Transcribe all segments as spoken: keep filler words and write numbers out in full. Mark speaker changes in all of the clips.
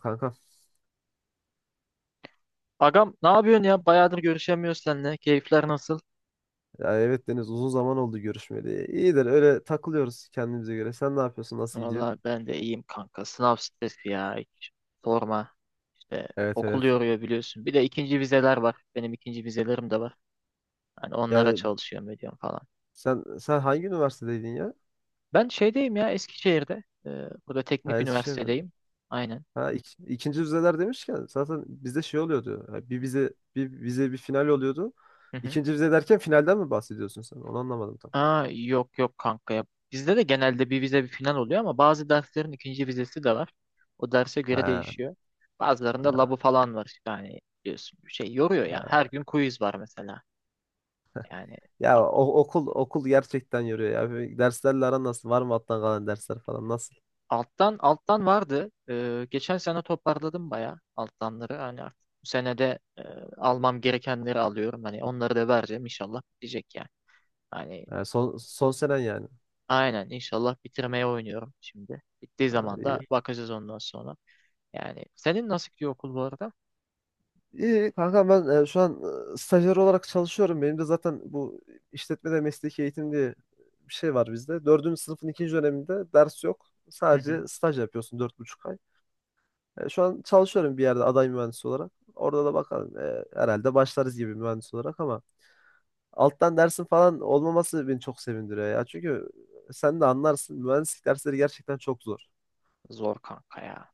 Speaker 1: Kanka.
Speaker 2: Agam ne yapıyorsun ya? Bayağıdır görüşemiyoruz seninle. Keyifler nasıl?
Speaker 1: Ya evet Deniz uzun zaman oldu görüşmeli. İyidir, öyle takılıyoruz kendimize göre. Sen ne yapıyorsun? Nasıl gidiyor?
Speaker 2: Valla ben de iyiyim kanka. Sınav stresi ya. Hiç sorma. İşte
Speaker 1: Evet,
Speaker 2: okul
Speaker 1: evet.
Speaker 2: yoruyor biliyorsun. Bir de ikinci vizeler var. Benim ikinci vizelerim de var. Hani onlara
Speaker 1: Yani
Speaker 2: çalışıyorum ediyorum falan.
Speaker 1: sen sen hangi üniversitedeydin ya?
Speaker 2: Ben şeydeyim ya Eskişehir'de. Ee, burada
Speaker 1: Ha,
Speaker 2: teknik
Speaker 1: Eskişehir'de.
Speaker 2: üniversitedeyim. Aynen.
Speaker 1: Ha, ik- ikinci vizeler demişken zaten bizde şey oluyordu. Ha, Bir vize bir vize bir final oluyordu. İkinci vize derken finalden mi bahsediyorsun sen? Onu anlamadım tam.
Speaker 2: Aa, yok yok kanka ya. Bizde de genelde bir vize bir final oluyor ama bazı derslerin ikinci vizesi de var. O derse göre
Speaker 1: Ha,
Speaker 2: değişiyor. Bazılarında
Speaker 1: ha.
Speaker 2: labı falan var işte hani biliyorsun şey yoruyor ya. Her gün quiz var mesela. Yani
Speaker 1: Ya
Speaker 2: a-
Speaker 1: o, okul okul gerçekten yoruyor ya. Böyle derslerle aran nasıl? Var mı alttan kalan dersler falan, nasıl?
Speaker 2: alttan alttan vardı. Ee, geçen sene toparladım bayağı alttanları. Hani artık bu sene de e, almam gerekenleri alıyorum. Hani onları da vereceğim inşallah bitecek yani. Hani
Speaker 1: Ha, son son senen yani.
Speaker 2: aynen inşallah bitirmeye oynuyorum şimdi. Bittiği
Speaker 1: Ha,
Speaker 2: zaman da
Speaker 1: iyi.
Speaker 2: bakacağız ondan sonra. Yani senin nasıl gidiyor okul bu arada?
Speaker 1: İyi kanka, ben e, şu an e, stajyer olarak çalışıyorum. Benim de zaten bu işletmede mesleki eğitim diye bir şey var bizde. Dördüncü sınıfın ikinci döneminde ders yok.
Speaker 2: Hı hı.
Speaker 1: Sadece staj yapıyorsun, dört buçuk ay. E, şu an çalışıyorum bir yerde aday mühendis olarak. Orada da bakalım, e, herhalde başlarız gibi mühendis olarak, ama alttan dersin falan olmaması beni çok sevindiriyor ya. Çünkü sen de anlarsın, mühendislik dersleri gerçekten çok zor.
Speaker 2: Zor kanka ya.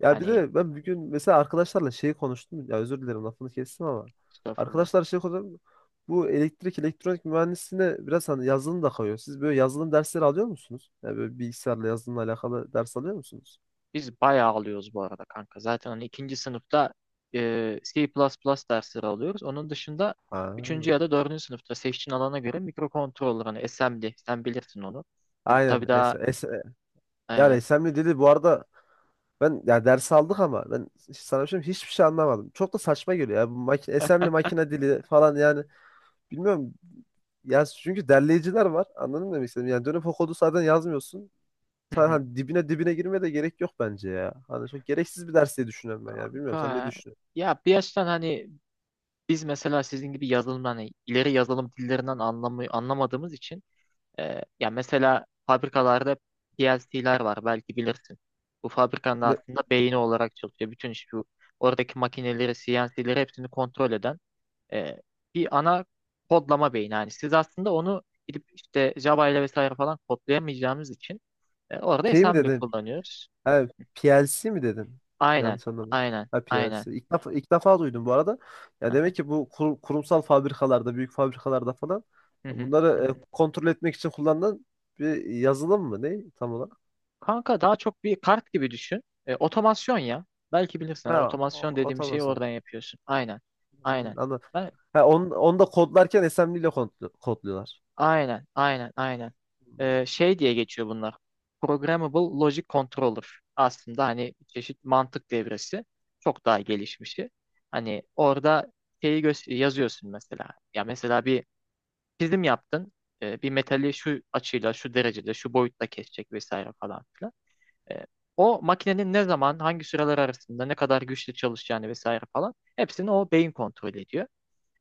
Speaker 1: Ya bir
Speaker 2: Hani
Speaker 1: de ben bugün mesela arkadaşlarla şeyi konuştum. Ya özür dilerim, lafını kestim ama.
Speaker 2: estağfurullah.
Speaker 1: Arkadaşlar şey konuştum. Bu elektrik elektronik mühendisliğine biraz hani yazılım da kayıyor. Siz böyle yazılım dersleri alıyor musunuz? Ya böyle bilgisayarla yazılımla alakalı ders alıyor musunuz?
Speaker 2: Biz bayağı alıyoruz bu arada kanka. Zaten hani ikinci sınıfta e, C plus plus dersleri alıyoruz. Onun dışında üçüncü
Speaker 1: Ha,
Speaker 2: ya da dördüncü sınıfta seçtiğin alana göre mikrokontroller hani assembly sen bilirsin onu. Siz tabii
Speaker 1: aynen. Es
Speaker 2: daha
Speaker 1: es yani,
Speaker 2: aynen.
Speaker 1: S M D dedi bu arada. Ben ya ders aldık ama ben sana bir şey diyeyim, hiçbir şey anlamadım. Çok da saçma geliyor ya bu makine assembly makine dili falan, yani bilmiyorum. Ya çünkü derleyiciler var. Anladın mı demek istediğimi? Yani dönüp o kodu zaten yazmıyorsun.
Speaker 2: Hı
Speaker 1: Sen
Speaker 2: hı.
Speaker 1: hani dibine dibine girmeye de gerek yok bence ya. Hani çok gereksiz bir ders diye düşünüyorum ben ya. Bilmiyorum, sen ne
Speaker 2: Kanka
Speaker 1: düşünüyorsun?
Speaker 2: ya bir yaştan hani biz mesela sizin gibi yazılım hani ileri yazılım dillerinden anlamı, anlamadığımız için. Ee, ya mesela fabrikalarda P L C'ler var belki bilirsin. Bu fabrikanın
Speaker 1: Ne,
Speaker 2: aslında beyni olarak çalışıyor. Bütün iş bu. Oradaki makineleri, C N C'leri hepsini kontrol eden e, bir ana kodlama beyni. Yani siz aslında onu gidip işte Java ile vesaire falan kodlayamayacağımız için e, orada
Speaker 1: şey mi
Speaker 2: assembly
Speaker 1: dedin?
Speaker 2: kullanıyoruz.
Speaker 1: Ha, P L C mi dedin?
Speaker 2: Aynen,
Speaker 1: Yanlış anlamadım.
Speaker 2: aynen,
Speaker 1: Ha,
Speaker 2: aynen.
Speaker 1: P L C. İlk defa, ilk defa duydum bu arada. Ya
Speaker 2: Hı hı,
Speaker 1: demek ki bu kur- kurumsal fabrikalarda, büyük fabrikalarda falan
Speaker 2: hı hı, hı
Speaker 1: bunları e,
Speaker 2: hı.
Speaker 1: kontrol etmek için kullanılan bir yazılım mı? Ne tam olarak?
Speaker 2: Kanka daha çok bir kart gibi düşün. E, otomasyon ya. Belki bilirsin. Hani
Speaker 1: Ha, o-
Speaker 2: otomasyon dediğim şeyi
Speaker 1: otomasyon.
Speaker 2: oradan yapıyorsun. Aynen,
Speaker 1: Hmm,
Speaker 2: aynen.
Speaker 1: anladım.
Speaker 2: Ben
Speaker 1: Ha, onu, onu da kodlarken assembly ile kod- kodluyorlar.
Speaker 2: aynen, aynen, aynen.
Speaker 1: Hmm,
Speaker 2: Ee, şey diye geçiyor bunlar. Programmable Logic Controller. Aslında hani bir çeşit mantık devresi. Çok daha gelişmişi. Hani orada şeyi gö- yazıyorsun mesela. Ya mesela bir çizim yaptın. Ee, bir metali şu açıyla, şu derecede, şu boyutta kesecek vesaire falan filan. Ee, O makinenin ne zaman, hangi süreler arasında, ne kadar güçlü çalışacağını vesaire falan. Hepsini o beyin kontrol ediyor.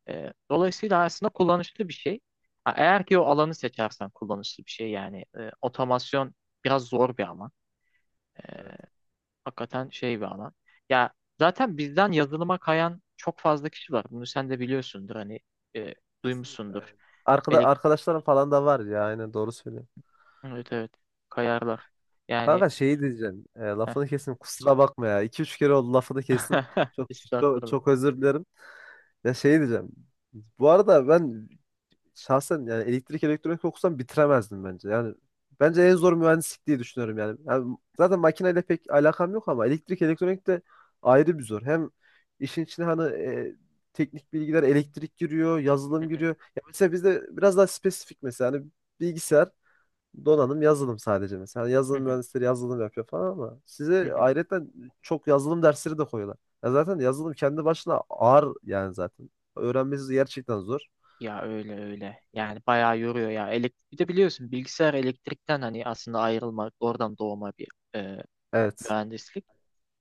Speaker 2: E, dolayısıyla aslında kullanışlı bir şey. Ha, eğer ki o alanı seçersen kullanışlı bir şey yani e, otomasyon biraz zor bir alan. E,
Speaker 1: evet.
Speaker 2: Hakikaten şey bir alan. Ya zaten bizden yazılıma kayan çok fazla kişi var. Bunu sen de biliyorsundur hani e,
Speaker 1: Kesinlikle
Speaker 2: duymuşsundur.
Speaker 1: aynen. Arkada,
Speaker 2: Elek
Speaker 1: arkadaşlarım falan da var ya, aynen doğru söylüyorsun.
Speaker 2: evet evet kayarlar. Yani
Speaker 1: Kanka şeyi diyeceğim. E,
Speaker 2: heh.
Speaker 1: lafını kesin, kusura bakma ya. İki üç kere oldu lafını kesin. Çok çok çok
Speaker 2: Estağfurullah.
Speaker 1: özür dilerim. Ya şeyi diyeceğim. Bu arada ben şahsen yani elektrik elektronik okusam bitiremezdim bence. Yani bence en zor mühendislik diye düşünüyorum yani. Yani zaten makineyle pek alakam yok, ama elektrik elektronik de ayrı bir zor. Hem işin içine hani e, teknik bilgiler, elektrik giriyor,
Speaker 2: Hı
Speaker 1: yazılım
Speaker 2: hı,
Speaker 1: giriyor. Ya mesela bizde biraz daha spesifik mesela, hani bilgisayar, donanım, yazılım sadece mesela. Hani
Speaker 2: hı
Speaker 1: yazılım
Speaker 2: hı,
Speaker 1: mühendisleri yazılım yapıyor falan, ama
Speaker 2: hı
Speaker 1: size
Speaker 2: hı.
Speaker 1: ayrıca çok yazılım dersleri de koyuyorlar. Ya zaten yazılım kendi başına ağır yani zaten. Öğrenmesi gerçekten zor.
Speaker 2: Ya öyle öyle. Yani bayağı yoruyor ya. Elektrik bir de biliyorsun bilgisayar elektrikten hani aslında ayrılmak oradan doğma bir e,
Speaker 1: Evet.
Speaker 2: mühendislik.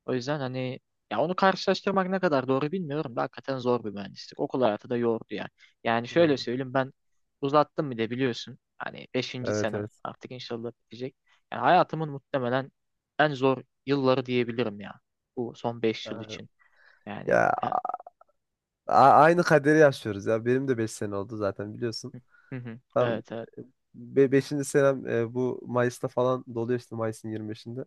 Speaker 2: O yüzden hani ya onu karşılaştırmak ne kadar doğru bilmiyorum da hakikaten zor bir mühendislik. Okul hayatı da yordu yani. Yani şöyle söyleyeyim ben uzattım bir de biliyorsun. Hani beşinci
Speaker 1: Evet,
Speaker 2: senem
Speaker 1: evet.
Speaker 2: artık inşallah bitecek. Yani hayatımın muhtemelen en zor yılları diyebilirim ya. Bu son beş yıl
Speaker 1: Aynen.
Speaker 2: için. Yani
Speaker 1: Ya
Speaker 2: ya-
Speaker 1: a- aynı kaderi yaşıyoruz ya. Benim de beş sene oldu zaten, biliyorsun.
Speaker 2: Hı hı.
Speaker 1: Tam
Speaker 2: Evet evet.
Speaker 1: beşinci senem e, bu Mayıs'ta falan doluyor, işte Mayıs'ın yirmi beşinde.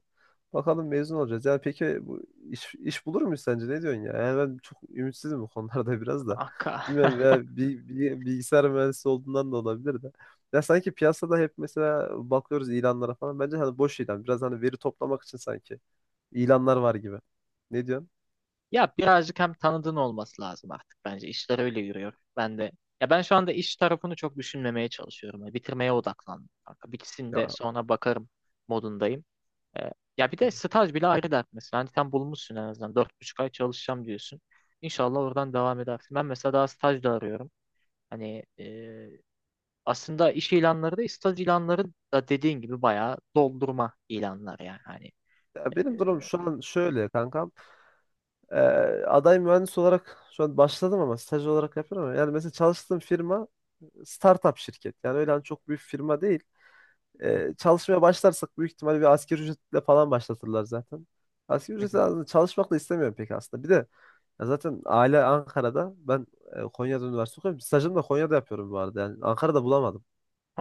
Speaker 1: Bakalım mezun olacağız. Ya peki bu iş, iş bulur muyuz sence? Ne diyorsun ya? Yani ben çok ümitsizim bu konularda biraz da.
Speaker 2: Akka.
Speaker 1: Bilmem, veya bi- bi- bilgisayar mühendisi olduğundan da olabilir de. Ya sanki piyasada hep mesela bakıyoruz ilanlara falan. Bence hani boş ilan. Biraz hani veri toplamak için sanki ilanlar var gibi. Ne diyorsun?
Speaker 2: Ya birazcık hem tanıdığın olması lazım artık bence. İşler öyle yürüyor. Ben de ya ben şu anda iş tarafını çok düşünmemeye çalışıyorum. Yani bitirmeye odaklandım, kanka. Bitsin de
Speaker 1: Ya.
Speaker 2: sonra bakarım modundayım. Ee, Ya bir
Speaker 1: Hı.
Speaker 2: de staj bile ayrı dert mesela. Hani sen bulmuşsun en azından. Dört buçuk ay çalışacağım diyorsun. İnşallah oradan devam edersin. Ben mesela daha staj da arıyorum. Hani e, aslında iş ilanları da staj ilanları da dediğin gibi bayağı doldurma ilanlar yani. Hani,
Speaker 1: Ya
Speaker 2: e,
Speaker 1: benim durum şu an şöyle kankam. Ee, Aday mühendis olarak şu an başladım, ama staj olarak yapıyorum. Ama yani mesela çalıştığım firma startup şirket. Yani öyle hani çok büyük firma değil. Ee, çalışmaya başlarsak büyük ihtimalle bir asgari ücretle falan başlatırlar zaten. Asgari ücretle aslında çalışmak da istemiyorum pek aslında. Bir de. Ya zaten aile Ankara'da. Ben e, Konya'da üniversite okuyorum. Stajımı da Konya'da yapıyorum bu arada. Yani Ankara'da bulamadım.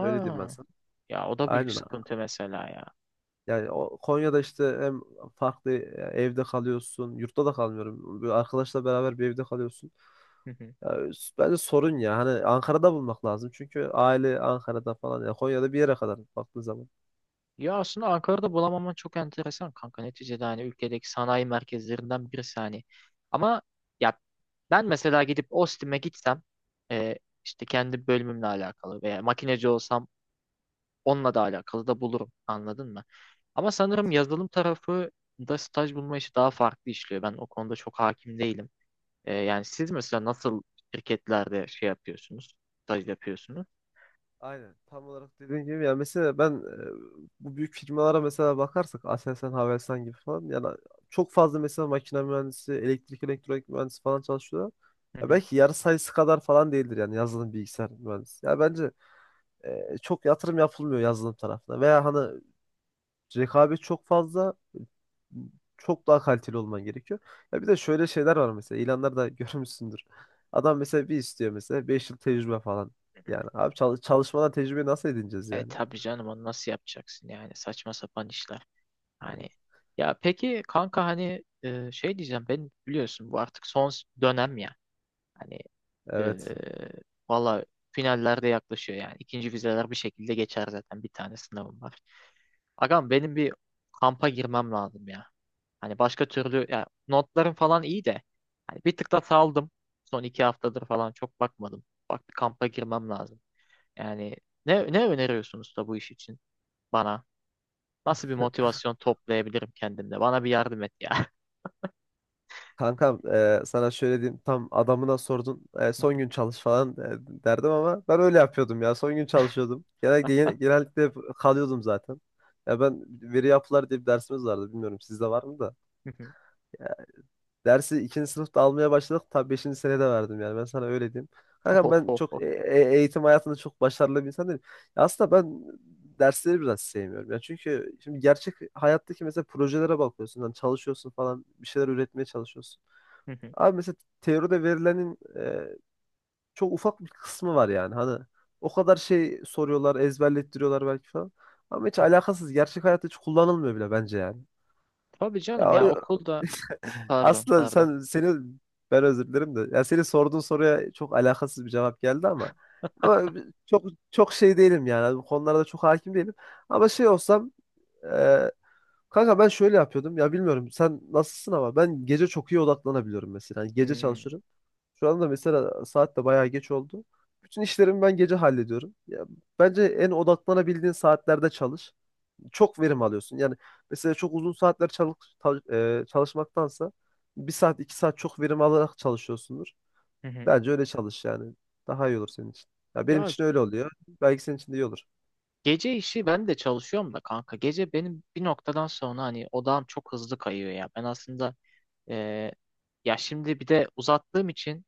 Speaker 1: Öyle diyeyim ben sana.
Speaker 2: ya o da büyük
Speaker 1: Aynen, abi.
Speaker 2: sıkıntı mesela ya.
Speaker 1: Yani o Konya'da işte hem farklı e, evde kalıyorsun. Yurtta da kalmıyorum. Bir arkadaşla beraber bir evde kalıyorsun.
Speaker 2: Hı hı.
Speaker 1: Ya, s- bence sorun ya. Hani Ankara'da bulmak lazım. Çünkü aile Ankara'da falan. Ya Konya'da bir yere kadar baktığın zaman.
Speaker 2: Ya aslında Ankara'da bulamaman çok enteresan kanka. Neticede hani ülkedeki sanayi merkezlerinden birisi hani. Ama ya ben mesela gidip Ostim'e gitsem e, işte kendi bölümümle alakalı veya makineci olsam onunla da alakalı da bulurum. Anladın mı? Ama sanırım yazılım tarafı da staj bulma işi daha farklı işliyor. Ben o konuda çok hakim değilim. E, yani siz mesela nasıl şirketlerde şey yapıyorsunuz, staj yapıyorsunuz?
Speaker 1: Aynen. Tam olarak dediğin gibi yani, mesela ben e, bu büyük firmalara mesela bakarsak, Aselsan, Havelsan gibi falan, yani çok fazla mesela makine mühendisi, elektrik elektronik mühendisi falan çalışıyorlar. Ya belki yarı sayısı kadar falan değildir yani yazılım bilgisayar mühendisi. Ya bence e, çok yatırım yapılmıyor yazılım tarafına, veya hani rekabet çok fazla, çok daha kaliteli olman gerekiyor. Ya bir de şöyle şeyler var mesela ilanlarda görmüşsündür. Adam mesela bir istiyor mesela beş yıl tecrübe falan. Yani abi çalış çalışmadan tecrübeyi nasıl edineceğiz
Speaker 2: E
Speaker 1: yani?
Speaker 2: tabii canım onu nasıl yapacaksın yani saçma sapan işler.
Speaker 1: Yani,
Speaker 2: Hani ya peki kanka hani e, şey diyeceğim ben biliyorsun bu artık son s- dönem ya. Hani e,
Speaker 1: evet.
Speaker 2: valla finallerde yaklaşıyor yani. İkinci vizeler bir şekilde geçer zaten bir tane sınavım var. Agam benim bir kampa girmem lazım ya. Hani başka türlü ya notlarım falan iyi de hani bir tık da saldım. Son iki haftadır falan çok bakmadım. Bak bir kampa girmem lazım. Yani ne ne öneriyorsunuz da bu iş için bana? Nasıl bir motivasyon toplayabilirim kendimde? Bana bir yardım et ya.
Speaker 1: Kankam, e, sana şöyle diyeyim, tam adamına sordun. E, son gün çalış falan e, derdim, ama ben öyle yapıyordum ya, son gün çalışıyordum. Genellikle, gene- genellikle hep kalıyordum zaten. Ya ben, veri yapılar diye bir dersimiz vardı, bilmiyorum sizde var mı da. Dersi ikinci sınıfta almaya başladık. Tabii beşinci senede verdim yani. Ben sana öyle diyeyim. Kanka ben çok
Speaker 2: Ohoho.
Speaker 1: e- e- eğitim hayatında çok başarılı bir insan değilim. Ya aslında ben dersleri biraz sevmiyorum. Yani çünkü şimdi gerçek hayattaki mesela projelere bakıyorsun. Hani çalışıyorsun falan. Bir şeyler üretmeye çalışıyorsun. Abi mesela teoride verilenin e, çok ufak bir kısmı var yani. Hani o kadar şey soruyorlar, ezberlettiriyorlar belki falan. Ama hiç alakasız. Gerçek hayatta hiç kullanılmıyor bile bence yani.
Speaker 2: Tabii canım
Speaker 1: Ya
Speaker 2: ya
Speaker 1: o-
Speaker 2: okulda pardon
Speaker 1: aslında
Speaker 2: pardon.
Speaker 1: sen seni ben, özür dilerim de. Ya senin sorduğun soruya çok alakasız bir cevap geldi ama ama çok çok şey değilim yani. Bu konularda çok hakim değilim. Ama şey olsam, e, kanka ben şöyle yapıyordum. Ya bilmiyorum sen nasılsın, ama ben gece çok iyi odaklanabiliyorum mesela. Yani gece
Speaker 2: Hmm.
Speaker 1: çalışırım. Şu anda mesela saat de bayağı geç oldu. Bütün işlerimi ben gece hallediyorum. Ya, bence en odaklanabildiğin saatlerde çalış, çok verim alıyorsun. Yani mesela çok uzun saatler çalış, ta- e, çalışmaktansa bir saat iki saat çok verim alarak çalışıyorsundur.
Speaker 2: Hı hı.
Speaker 1: Bence öyle çalış yani. Daha iyi olur senin için. Ya benim
Speaker 2: Ya
Speaker 1: için öyle oluyor. Belki senin için de iyi olur.
Speaker 2: gece işi ben de çalışıyorum da kanka. Gece benim bir noktadan sonra hani odağım çok hızlı kayıyor ya. Ben aslında e, ya şimdi bir de uzattığım için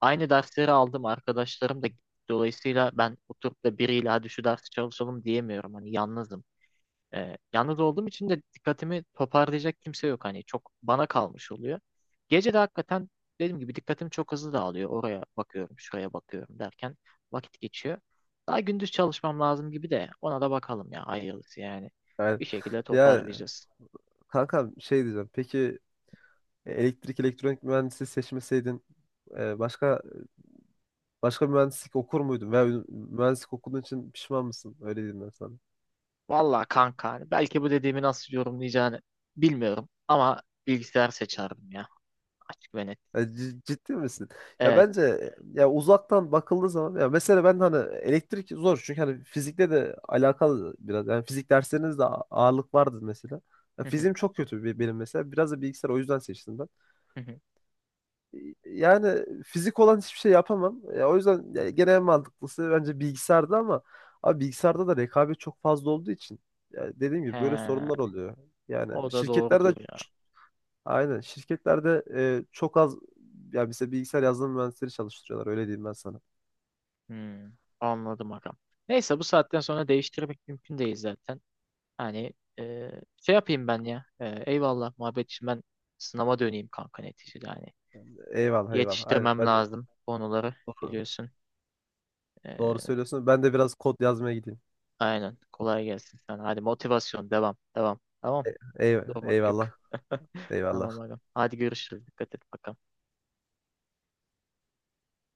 Speaker 2: aynı dersleri aldım arkadaşlarım da gitti. Dolayısıyla ben oturup da biriyle hadi şu dersi çalışalım diyemiyorum. Hani yalnızım. Ee, yalnız olduğum için de dikkatimi toparlayacak kimse yok. Hani çok bana kalmış oluyor. Gece de hakikaten dediğim gibi dikkatim çok hızlı dağılıyor. Oraya bakıyorum, şuraya bakıyorum derken vakit geçiyor. Daha gündüz çalışmam lazım gibi de ona da bakalım ya hayırlısı yani.
Speaker 1: Yani
Speaker 2: Bir şekilde
Speaker 1: ya
Speaker 2: toparlayacağız.
Speaker 1: kankam, şey diyeceğim. Peki elektrik elektronik mühendisliği seçmeseydin, e, başka başka bir mühendislik okur muydun? Veya mühendislik okuduğun için pişman mısın? Öyle diyeyim ben sana.
Speaker 2: Vallahi kanka hani belki bu dediğimi nasıl yorumlayacağını bilmiyorum ama bilgisayar seçerdim ya açık ve net.
Speaker 1: Ya c- Ciddi misin? Ya
Speaker 2: Evet.
Speaker 1: bence ya uzaktan bakıldığı zaman, ya mesela ben hani elektrik zor çünkü hani fizikle de alakalı biraz, yani fizik derslerinizde a- ağırlık vardır mesela. Ya
Speaker 2: Hı hı,
Speaker 1: fiziğim çok kötü bir- benim mesela. Biraz da bilgisayar o yüzden seçtim ben.
Speaker 2: hı hı.
Speaker 1: Yani fizik olan hiçbir şey yapamam. Ya o yüzden ya, gene en mantıklısı bence bilgisayarda, ama abi bilgisayarda da rekabet çok fazla olduğu için ya dediğim gibi böyle
Speaker 2: He,
Speaker 1: sorunlar oluyor.
Speaker 2: o
Speaker 1: Yani
Speaker 2: da
Speaker 1: şirketlerde.
Speaker 2: doğrudur ya.
Speaker 1: Aynen. Şirketlerde e, çok az ya bize bilgisayar yazılım mühendisleri çalıştırıyorlar. Öyle diyeyim ben sana.
Speaker 2: Hmm, anladım agam. Neyse bu saatten sonra değiştirmek mümkün değil zaten. Hani e, şey yapayım ben ya. E, eyvallah muhabbet için ben sınava döneyim kanka neticede. Hani
Speaker 1: Eyvallah, eyvallah. Aynen.
Speaker 2: yetiştirmem
Speaker 1: Ben de.
Speaker 2: lazım konuları
Speaker 1: doğru,
Speaker 2: biliyorsun.
Speaker 1: doğru
Speaker 2: E,
Speaker 1: söylüyorsun. Ben de biraz kod yazmaya gideyim.
Speaker 2: aynen kolay gelsin sana. Hadi motivasyon devam devam.
Speaker 1: E,
Speaker 2: Tamam
Speaker 1: eyv-
Speaker 2: durmak yok.
Speaker 1: eyvallah.
Speaker 2: Tamam
Speaker 1: Eyvallah.
Speaker 2: agam. Hadi görüşürüz. Dikkat et bakalım.